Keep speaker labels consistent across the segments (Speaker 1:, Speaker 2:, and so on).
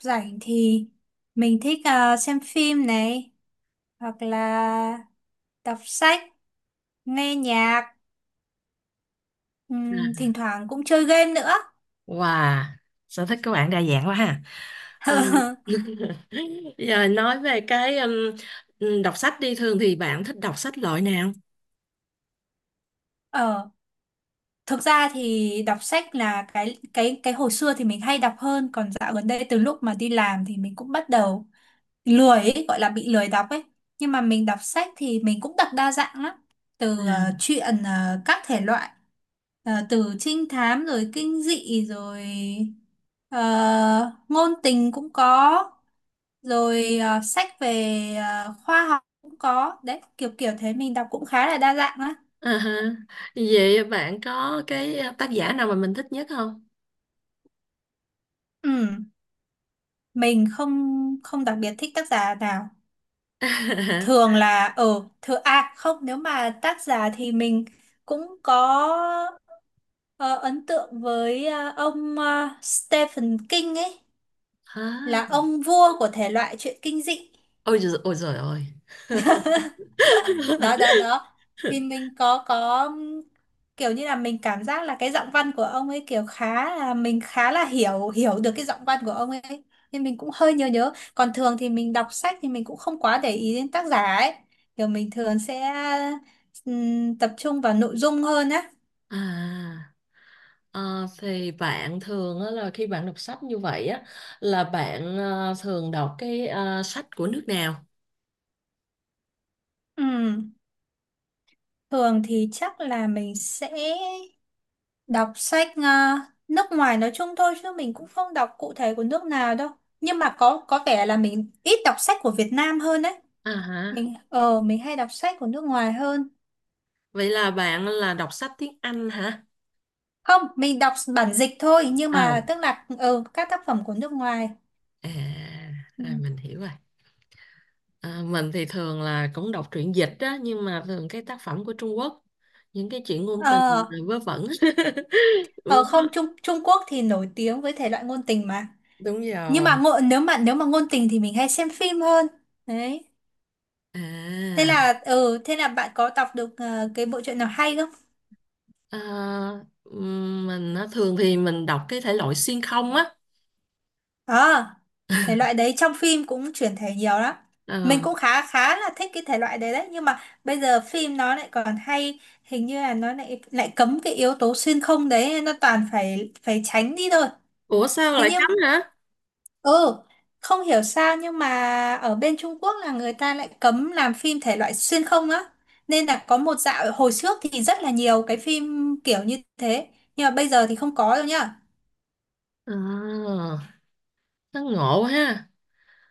Speaker 1: rảnh thì mình thích xem phim này, hoặc là đọc sách, nghe nhạc,
Speaker 2: À,
Speaker 1: thỉnh thoảng cũng chơi game nữa.
Speaker 2: Wow, sở thích của bạn đa dạng quá ha. À, giờ nói về cái đọc sách đi, thường thì bạn thích đọc sách loại nào?
Speaker 1: Ờ. Thực ra thì đọc sách là cái hồi xưa thì mình hay đọc hơn, còn dạo gần đây từ lúc mà đi làm thì mình cũng bắt đầu lười ấy, gọi là bị lười đọc ấy. Nhưng mà mình đọc sách thì mình cũng đọc đa dạng lắm, từ
Speaker 2: À.
Speaker 1: truyện các thể loại. Ờ, từ trinh thám rồi kinh dị rồi ờ, ngôn tình cũng có, rồi sách về khoa học cũng có đấy, kiểu kiểu thế mình đọc cũng khá là đa dạng á.
Speaker 2: À ha. Vậy bạn có cái tác giả nào mà mình thích nhất không?
Speaker 1: Ừ, mình không không đặc biệt thích tác giả nào. Thường là thường, à không, nếu mà tác giả thì mình cũng có ờ, ấn tượng với ông Stephen King ấy,
Speaker 2: À.
Speaker 1: là ông vua của thể loại truyện kinh dị.
Speaker 2: Ôi giời ơi.
Speaker 1: Đó đó đó, thì mình có kiểu như là mình cảm giác là cái giọng văn của ông ấy kiểu khá là mình khá là hiểu hiểu được cái giọng văn của ông ấy, nên mình cũng hơi nhớ nhớ. Còn thường thì mình đọc sách thì mình cũng không quá để ý đến tác giả ấy, kiểu mình thường sẽ tập trung vào nội dung hơn á.
Speaker 2: À, thì bạn thường á, là khi bạn đọc sách như vậy á là bạn thường đọc cái sách của nước nào?
Speaker 1: Ừm, Thường thì chắc là mình sẽ đọc sách nước ngoài nói chung thôi, chứ mình cũng không đọc cụ thể của nước nào đâu. Nhưng mà có vẻ là mình ít đọc sách của Việt Nam hơn đấy.
Speaker 2: À, hả?
Speaker 1: Mình hay đọc sách của nước ngoài hơn.
Speaker 2: Vậy là bạn là đọc sách tiếng Anh hả?
Speaker 1: Không, mình đọc bản dịch thôi, nhưng
Speaker 2: Ờ,
Speaker 1: mà tức là các tác phẩm của nước ngoài.
Speaker 2: à,
Speaker 1: Ừ.
Speaker 2: à mình hiểu rồi. À, mình thì thường là cũng đọc truyện dịch á, nhưng mà thường cái tác phẩm của Trung Quốc, những cái chuyện ngôn tình
Speaker 1: ờ
Speaker 2: rồi vớ vẩn.
Speaker 1: ờ
Speaker 2: Đúng
Speaker 1: Không,
Speaker 2: đó.
Speaker 1: Trung Trung Quốc thì nổi tiếng với thể loại ngôn tình mà.
Speaker 2: Đúng
Speaker 1: Nhưng
Speaker 2: rồi.
Speaker 1: mà ngộ, nếu mà ngôn tình thì mình hay xem phim hơn đấy. thế
Speaker 2: À,
Speaker 1: là ừ thế là bạn có đọc được cái bộ truyện nào hay không?
Speaker 2: à mình á, thường thì mình đọc cái thể loại xuyên không á.
Speaker 1: À, thể loại đấy trong phim cũng chuyển thể nhiều lắm.
Speaker 2: Ờ.
Speaker 1: Mình cũng khá khá là thích cái thể loại đấy đấy, nhưng mà bây giờ phim nó lại còn hay, hình như là nó lại lại cấm cái yếu tố xuyên không đấy, nó toàn phải phải tránh đi thôi.
Speaker 2: Ủa sao
Speaker 1: Thế
Speaker 2: lại cấm
Speaker 1: nhưng,
Speaker 2: hả?
Speaker 1: ừ, không hiểu sao, nhưng mà ở bên Trung Quốc là người ta lại cấm làm phim thể loại xuyên không á. Nên là có một dạo hồi trước thì rất là nhiều cái phim kiểu như thế, nhưng mà bây giờ thì không có rồi nhá.
Speaker 2: À, nó ngộ ha.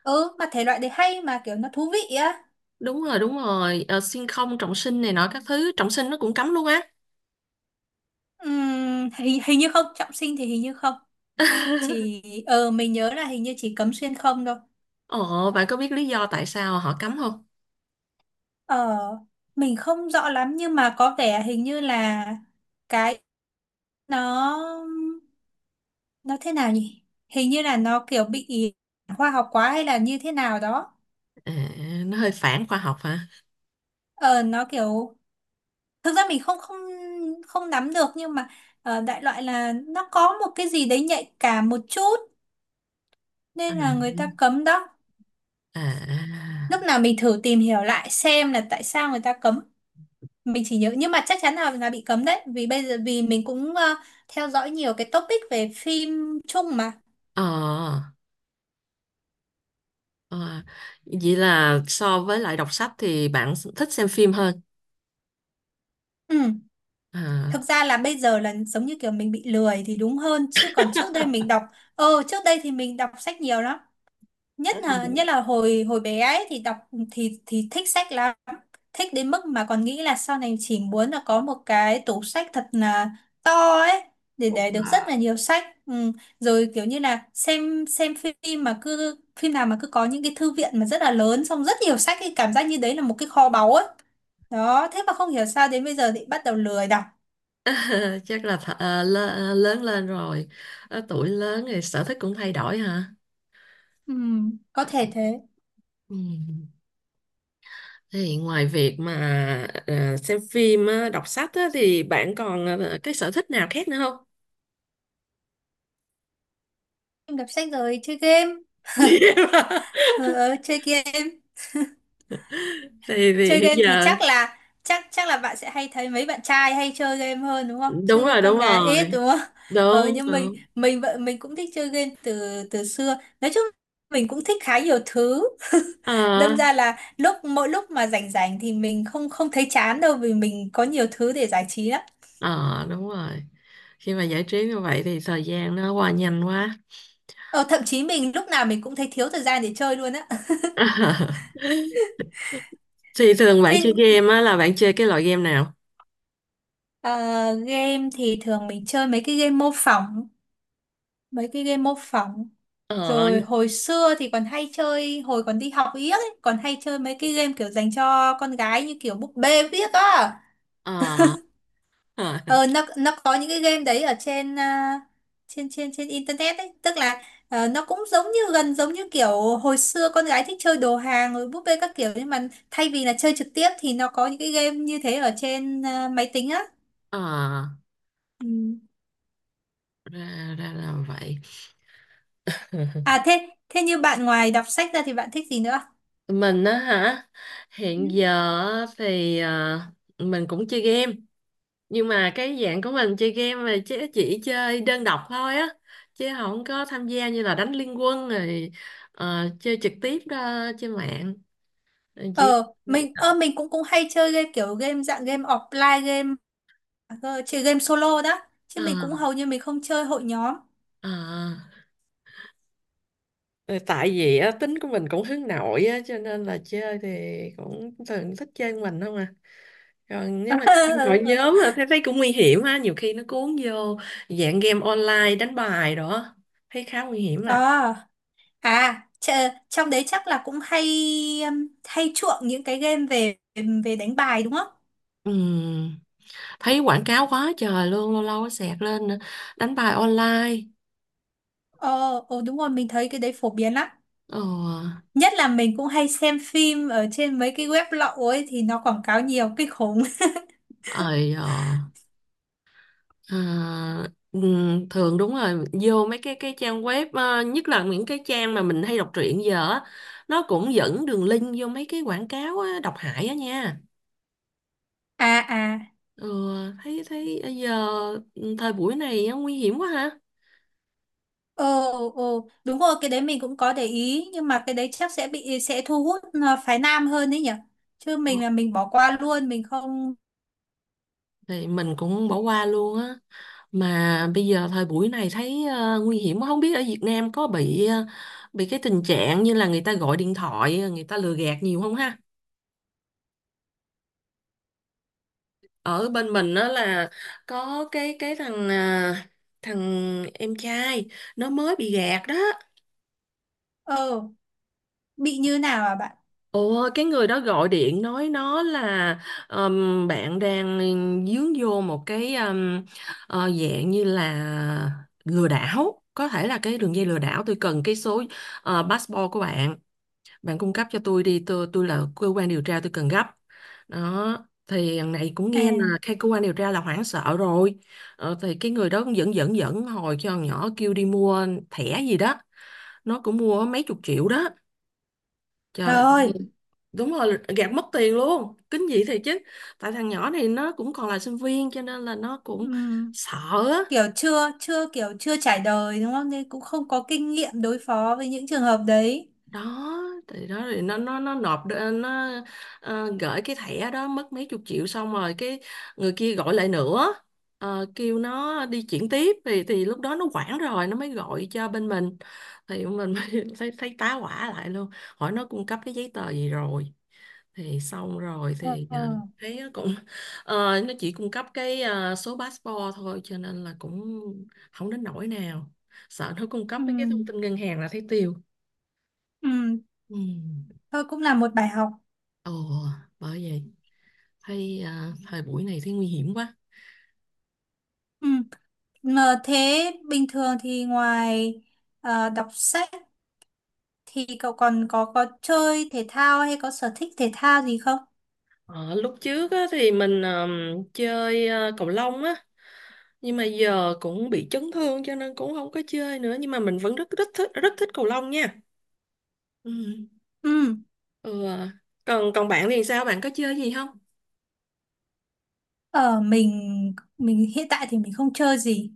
Speaker 1: Ừ, mà thể loại đấy hay mà, kiểu nó thú vị á.
Speaker 2: Đúng rồi, đúng rồi. Ờ, xuyên không trọng sinh này nọ các thứ, trọng sinh nó cũng cấm luôn á.
Speaker 1: Hình như không trọng sinh thì hình như không chỉ. Mình nhớ là hình như chỉ cấm xuyên không thôi.
Speaker 2: Ồ, bạn có biết lý do tại sao họ cấm không?
Speaker 1: ờ mình không rõ lắm, nhưng mà có vẻ hình như là cái, nó nó thế nào nhỉ, hình như là nó kiểu bị khoa học quá hay là như thế nào đó.
Speaker 2: À, nó hơi phản khoa học hả?
Speaker 1: Ờ nó kiểu, thực ra mình không không không nắm được, nhưng mà đại loại là nó có một cái gì đấy nhạy cảm một chút, nên là người ta cấm đó.
Speaker 2: À, à.
Speaker 1: Lúc nào mình thử tìm hiểu lại xem là tại sao người ta cấm, mình chỉ nhớ nhưng mà chắc chắn là bị cấm đấy, vì bây giờ vì mình cũng theo dõi nhiều cái topic về phim chung mà.
Speaker 2: ờ, ờ, Vậy là so với lại đọc sách thì bạn thích xem phim hơn.
Speaker 1: Ừ.
Speaker 2: À,
Speaker 1: Thực ra là bây giờ là giống như kiểu mình bị lười thì đúng hơn, chứ còn trước đây mình đọc, trước đây thì mình đọc sách nhiều lắm. Nhất là hồi hồi bé ấy thì đọc, thì thích sách lắm. Thích đến mức mà còn nghĩ là sau này chỉ muốn là có một cái tủ sách thật là to ấy, để được rất là nhiều sách. Ừ. Rồi kiểu như là xem phim mà cứ phim nào mà cứ có những cái thư viện mà rất là lớn, xong rất nhiều sách, thì cảm giác như đấy là một cái kho báu ấy. Đó, thế mà không hiểu sao đến bây giờ thì bắt đầu lười đọc.
Speaker 2: chắc là lớn lên rồi, ờ, tuổi lớn thì sở thích cũng thay đổi hả?
Speaker 1: Ừ, có thể thế.
Speaker 2: Ừ. Thì ngoài việc mà xem phim, á, đọc sách á, thì bạn còn cái sở thích nào khác nữa không?
Speaker 1: Em đọc sách rồi chơi game. Ờ, Chơi game.
Speaker 2: Thì
Speaker 1: Chơi
Speaker 2: hiện
Speaker 1: game thì
Speaker 2: giờ
Speaker 1: chắc là, chắc chắc là bạn sẽ hay thấy mấy bạn trai hay chơi game hơn đúng không,
Speaker 2: đúng
Speaker 1: chứ
Speaker 2: rồi,
Speaker 1: con
Speaker 2: đúng
Speaker 1: gái ít
Speaker 2: rồi,
Speaker 1: đúng không?
Speaker 2: đúng
Speaker 1: Nhưng mình
Speaker 2: đúng.
Speaker 1: mình vợ mình cũng thích chơi game từ từ xưa. Nói chung mình cũng thích khá nhiều thứ.
Speaker 2: ờ
Speaker 1: Đâm ra là mỗi lúc mà rảnh rảnh thì mình không không thấy chán đâu, vì mình có nhiều thứ để giải trí lắm.
Speaker 2: ờ Đúng rồi, khi mà giải trí như vậy thì thời gian nó qua nhanh quá.
Speaker 1: Ờ Thậm chí mình lúc nào mình cũng thấy thiếu thời gian để chơi luôn á.
Speaker 2: Thì thường bạn
Speaker 1: Thế,
Speaker 2: chơi game á là bạn chơi cái loại game nào?
Speaker 1: ờ, game thì thường mình chơi mấy cái game mô phỏng mấy cái game mô phỏng.
Speaker 2: ờ
Speaker 1: Rồi hồi xưa thì còn hay chơi, hồi còn đi học yếc ấy, còn hay chơi mấy cái game kiểu dành cho con gái như kiểu búp bê viết á.
Speaker 2: ờ ờ
Speaker 1: Ờ, nó có những cái game đấy ở trên, à, trên trên trên internet ấy, tức là nó cũng giống như, gần giống như kiểu hồi xưa con gái thích chơi đồ hàng rồi búp bê các kiểu, nhưng mà thay vì là chơi trực tiếp thì nó có những cái game như thế ở trên, à, máy tính á.
Speaker 2: ờ
Speaker 1: Ừ.
Speaker 2: ra ra là vậy.
Speaker 1: À, thế thế như bạn ngoài đọc sách ra thì bạn thích gì nữa?
Speaker 2: Mình á hả? Hiện
Speaker 1: Ừ.
Speaker 2: giờ á thì mình cũng chơi game, nhưng mà cái dạng của mình chơi game mà chỉ chơi đơn độc thôi á, chứ không có tham gia như là đánh liên quân rồi chơi trực tiếp đó, trên mạng. Rồi chỉ.
Speaker 1: Ờ, mình cũng cũng hay chơi game, kiểu game dạng game offline game, chơi game solo đó. Chứ
Speaker 2: Ờ,
Speaker 1: mình cũng hầu như mình không chơi hội nhóm.
Speaker 2: ờ. Ờ, tại vì á, tính của mình cũng hướng nội á cho nên là chơi thì cũng thường thích chơi mình không à, còn nếu mà
Speaker 1: Ờ,
Speaker 2: chơi hội
Speaker 1: ờ, ờ.
Speaker 2: nhóm là thấy thấy cũng nguy hiểm ha, nhiều khi nó cuốn vô dạng game online đánh bài đó, thấy khá nguy hiểm à.
Speaker 1: À, trong đấy chắc là cũng hay, hay chuộng những cái game về về đánh bài đúng không?
Speaker 2: Ừ, thấy quảng cáo quá trời luôn, lâu lâu nó xẹt lên đánh bài online.
Speaker 1: Ờ, ờ đúng rồi, mình thấy cái đấy phổ biến lắm.
Speaker 2: ờ
Speaker 1: Nhất là mình cũng hay xem phim ở trên mấy cái web lậu ấy thì nó quảng cáo nhiều kinh khủng.
Speaker 2: ơi ờ, à, Thường đúng rồi, vô mấy cái trang web, nhất là những cái trang mà mình hay đọc truyện giờ á, nó cũng dẫn đường link vô mấy cái quảng cáo á, độc hại á nha.
Speaker 1: À, à.
Speaker 2: ừ, thấy thấy giờ thời buổi này á, nguy hiểm quá ha.
Speaker 1: Ồ, ồ, đúng rồi, cái đấy mình cũng có để ý, nhưng mà cái đấy chắc sẽ thu hút, à, phái nam hơn đấy nhỉ. Chứ
Speaker 2: Ờ,
Speaker 1: mình là mình bỏ qua luôn, mình không.
Speaker 2: thì mình cũng bỏ qua luôn á, mà bây giờ thời buổi này thấy nguy hiểm quá. Không biết ở Việt Nam có bị cái tình trạng như là người ta gọi điện thoại người ta lừa gạt nhiều không ha? Ở bên mình đó là có cái thằng em trai nó mới bị gạt đó.
Speaker 1: ờ bị như nào à bạn?
Speaker 2: Ồ, cái người đó gọi điện nói nó là bạn đang dướng vô một cái dạng như là lừa đảo, có thể là cái đường dây lừa đảo. Tôi cần cái số passport của bạn, bạn cung cấp cho tôi đi, tôi là cơ quan điều tra, tôi cần gấp đó. Thì thằng này cũng
Speaker 1: À,
Speaker 2: nghe là cái cơ quan điều tra là hoảng sợ rồi. Thì cái người đó cũng dẫn dẫn dẫn hồi cho thằng nhỏ, kêu đi mua thẻ gì đó, nó cũng mua mấy chục triệu đó.
Speaker 1: trời
Speaker 2: Trời.
Speaker 1: ơi.
Speaker 2: Đúng rồi, gạt mất tiền luôn, kinh dị thiệt chứ. Tại thằng nhỏ này nó cũng còn là sinh viên cho nên là nó cũng
Speaker 1: ừm,
Speaker 2: sợ á.
Speaker 1: kiểu chưa chưa kiểu chưa trải đời đúng không? Nên cũng không có kinh nghiệm đối phó với những trường hợp đấy.
Speaker 2: đó đó thì nó gửi cái thẻ đó mất mấy chục triệu, xong rồi cái người kia gọi lại nữa, kêu nó đi chuyển tiếp thì lúc đó nó hoảng rồi nó mới gọi cho bên mình, thì mình mới thấy tá hỏa lại luôn, hỏi nó cung cấp cái giấy tờ gì rồi, thì xong rồi
Speaker 1: Ờ,
Speaker 2: thì
Speaker 1: ờ,
Speaker 2: thấy nó cũng nó chỉ cung cấp cái số passport thôi cho nên là cũng không đến nỗi nào, sợ nó cung cấp mấy cái thông
Speaker 1: ừm,
Speaker 2: tin ngân hàng là thấy tiêu.
Speaker 1: ừm,
Speaker 2: Ừ.
Speaker 1: thôi cũng là một bài học.
Speaker 2: Ồ, bởi vậy thấy thời buổi này thấy nguy hiểm quá.
Speaker 1: Ừm, Mà thế bình thường thì ngoài đọc sách, thì cậu còn có chơi thể thao hay có sở thích thể thao gì không?
Speaker 2: Ờ, lúc trước á, thì mình chơi cầu lông á, nhưng mà giờ cũng bị chấn thương cho nên cũng không có chơi nữa, nhưng mà mình vẫn rất rất thích cầu lông nha. Ừ.
Speaker 1: Ừ,
Speaker 2: Ừ. Còn còn bạn thì sao? Bạn có chơi gì không?
Speaker 1: mình hiện tại thì mình không chơi gì.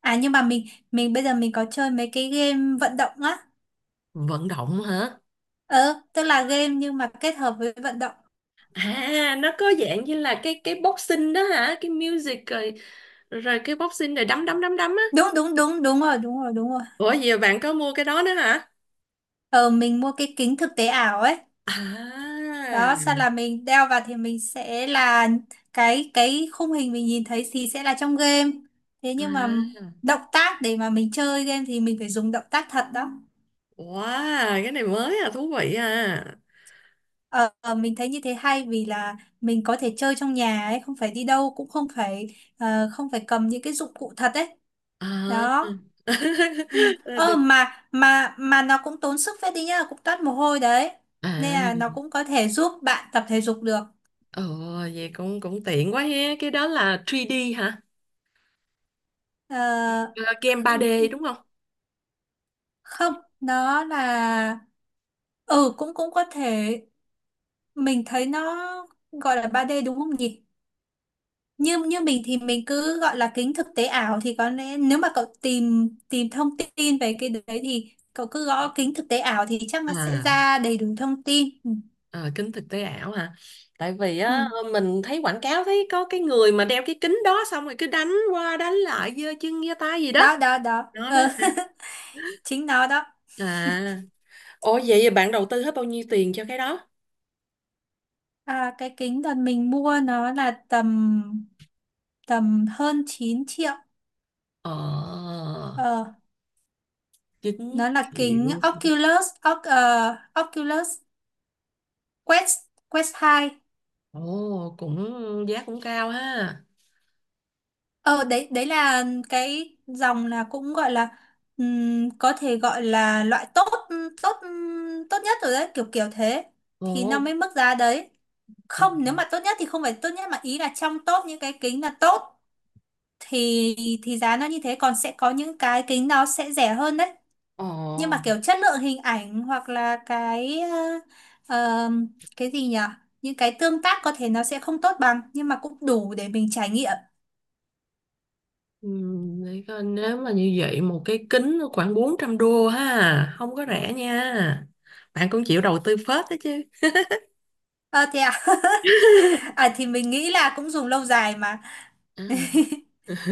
Speaker 1: À nhưng mà mình bây giờ mình có chơi mấy cái game vận động á.
Speaker 2: Vận động hả?
Speaker 1: Ờ, tức là game nhưng mà kết hợp với vận động.
Speaker 2: À, nó có dạng như là cái boxing đó hả? Cái music rồi rồi cái boxing rồi đấm đấm đấm đấm á.
Speaker 1: Đúng, đúng, đúng, đúng rồi, đúng rồi, đúng rồi.
Speaker 2: Ủa giờ bạn có mua cái đó nữa hả?
Speaker 1: Ờ mình mua cái kính thực tế ảo ấy.
Speaker 2: À.
Speaker 1: Đó, sau là mình đeo vào thì mình sẽ là, cái khung hình mình nhìn thấy thì sẽ là trong game. Thế nhưng mà
Speaker 2: À.
Speaker 1: động tác để mà mình chơi game thì mình phải dùng động tác thật đó.
Speaker 2: Wow, cái này mới thú vị à.
Speaker 1: Ờ, ờ, mình thấy như thế hay vì là mình có thể chơi trong nhà ấy, không phải đi đâu, cũng không phải không phải cầm những cái dụng cụ thật ấy.
Speaker 2: À.
Speaker 1: Đó. Ừ.
Speaker 2: Ra
Speaker 1: Ờ,
Speaker 2: được.
Speaker 1: mà nó cũng tốn sức phết đi nhá, cũng toát mồ hôi đấy. Nên
Speaker 2: À,
Speaker 1: là nó cũng có thể giúp bạn tập thể dục được.
Speaker 2: ồ, vậy cũng cũng tiện quá ha. Cái đó là 3D hả?
Speaker 1: Ờ,
Speaker 2: Ờ, Game 3D đúng không?
Speaker 1: không, nó là, cũng cũng có thể, mình thấy nó gọi là 3D đúng không nhỉ? Như như mình thì mình cứ gọi là kính thực tế ảo, thì có lẽ nếu mà cậu tìm tìm thông tin về cái đấy thì cậu cứ gõ kính thực tế ảo thì chắc nó sẽ
Speaker 2: À,
Speaker 1: ra đầy đủ thông tin. Ừ.
Speaker 2: ờ, kính thực tế ảo hả? Tại vì á
Speaker 1: Ừ.
Speaker 2: mình thấy quảng cáo thấy có cái người mà đeo cái kính đó xong rồi cứ đánh qua đánh lại giơ chân giơ tay gì đó.
Speaker 1: Đó đó đó.
Speaker 2: Đó đó.
Speaker 1: Ờ, chính nó đó.
Speaker 2: À, ồ vậy bạn đầu tư hết bao nhiêu tiền cho cái đó?
Speaker 1: À, cái kính đợt mình mua nó là tầm tầm hơn 9 triệu.
Speaker 2: Ờ,
Speaker 1: ờ, nó
Speaker 2: chính.
Speaker 1: là kính Oculus Quest Quest 2.
Speaker 2: Ồ, cũng giá cũng cao ha.
Speaker 1: Ờ đấy, đấy là cái dòng là cũng gọi là, có thể gọi là loại tốt, tốt tốt nhất rồi đấy, kiểu kiểu thế. Thì nó
Speaker 2: Ồ,
Speaker 1: mới mức giá đấy.
Speaker 2: ờ,
Speaker 1: Không, nếu mà tốt nhất thì không phải tốt nhất, mà ý là trong top những cái kính là tốt, thì thì giá nó như thế. Còn sẽ có những cái kính nó sẽ rẻ hơn đấy,
Speaker 2: ờ,
Speaker 1: nhưng mà kiểu chất lượng hình ảnh hoặc là cái ờm, cái gì nhỉ, những cái tương tác có thể nó sẽ không tốt bằng, nhưng mà cũng đủ để mình trải nghiệm.
Speaker 2: để coi, nếu mà như vậy một cái kính nó khoảng 400 đô ha, không có rẻ nha. Bạn cũng chịu đầu tư phết đó chứ.
Speaker 1: Ờ Thế à. À, thì mình nghĩ là cũng dùng lâu dài mà.
Speaker 2: À.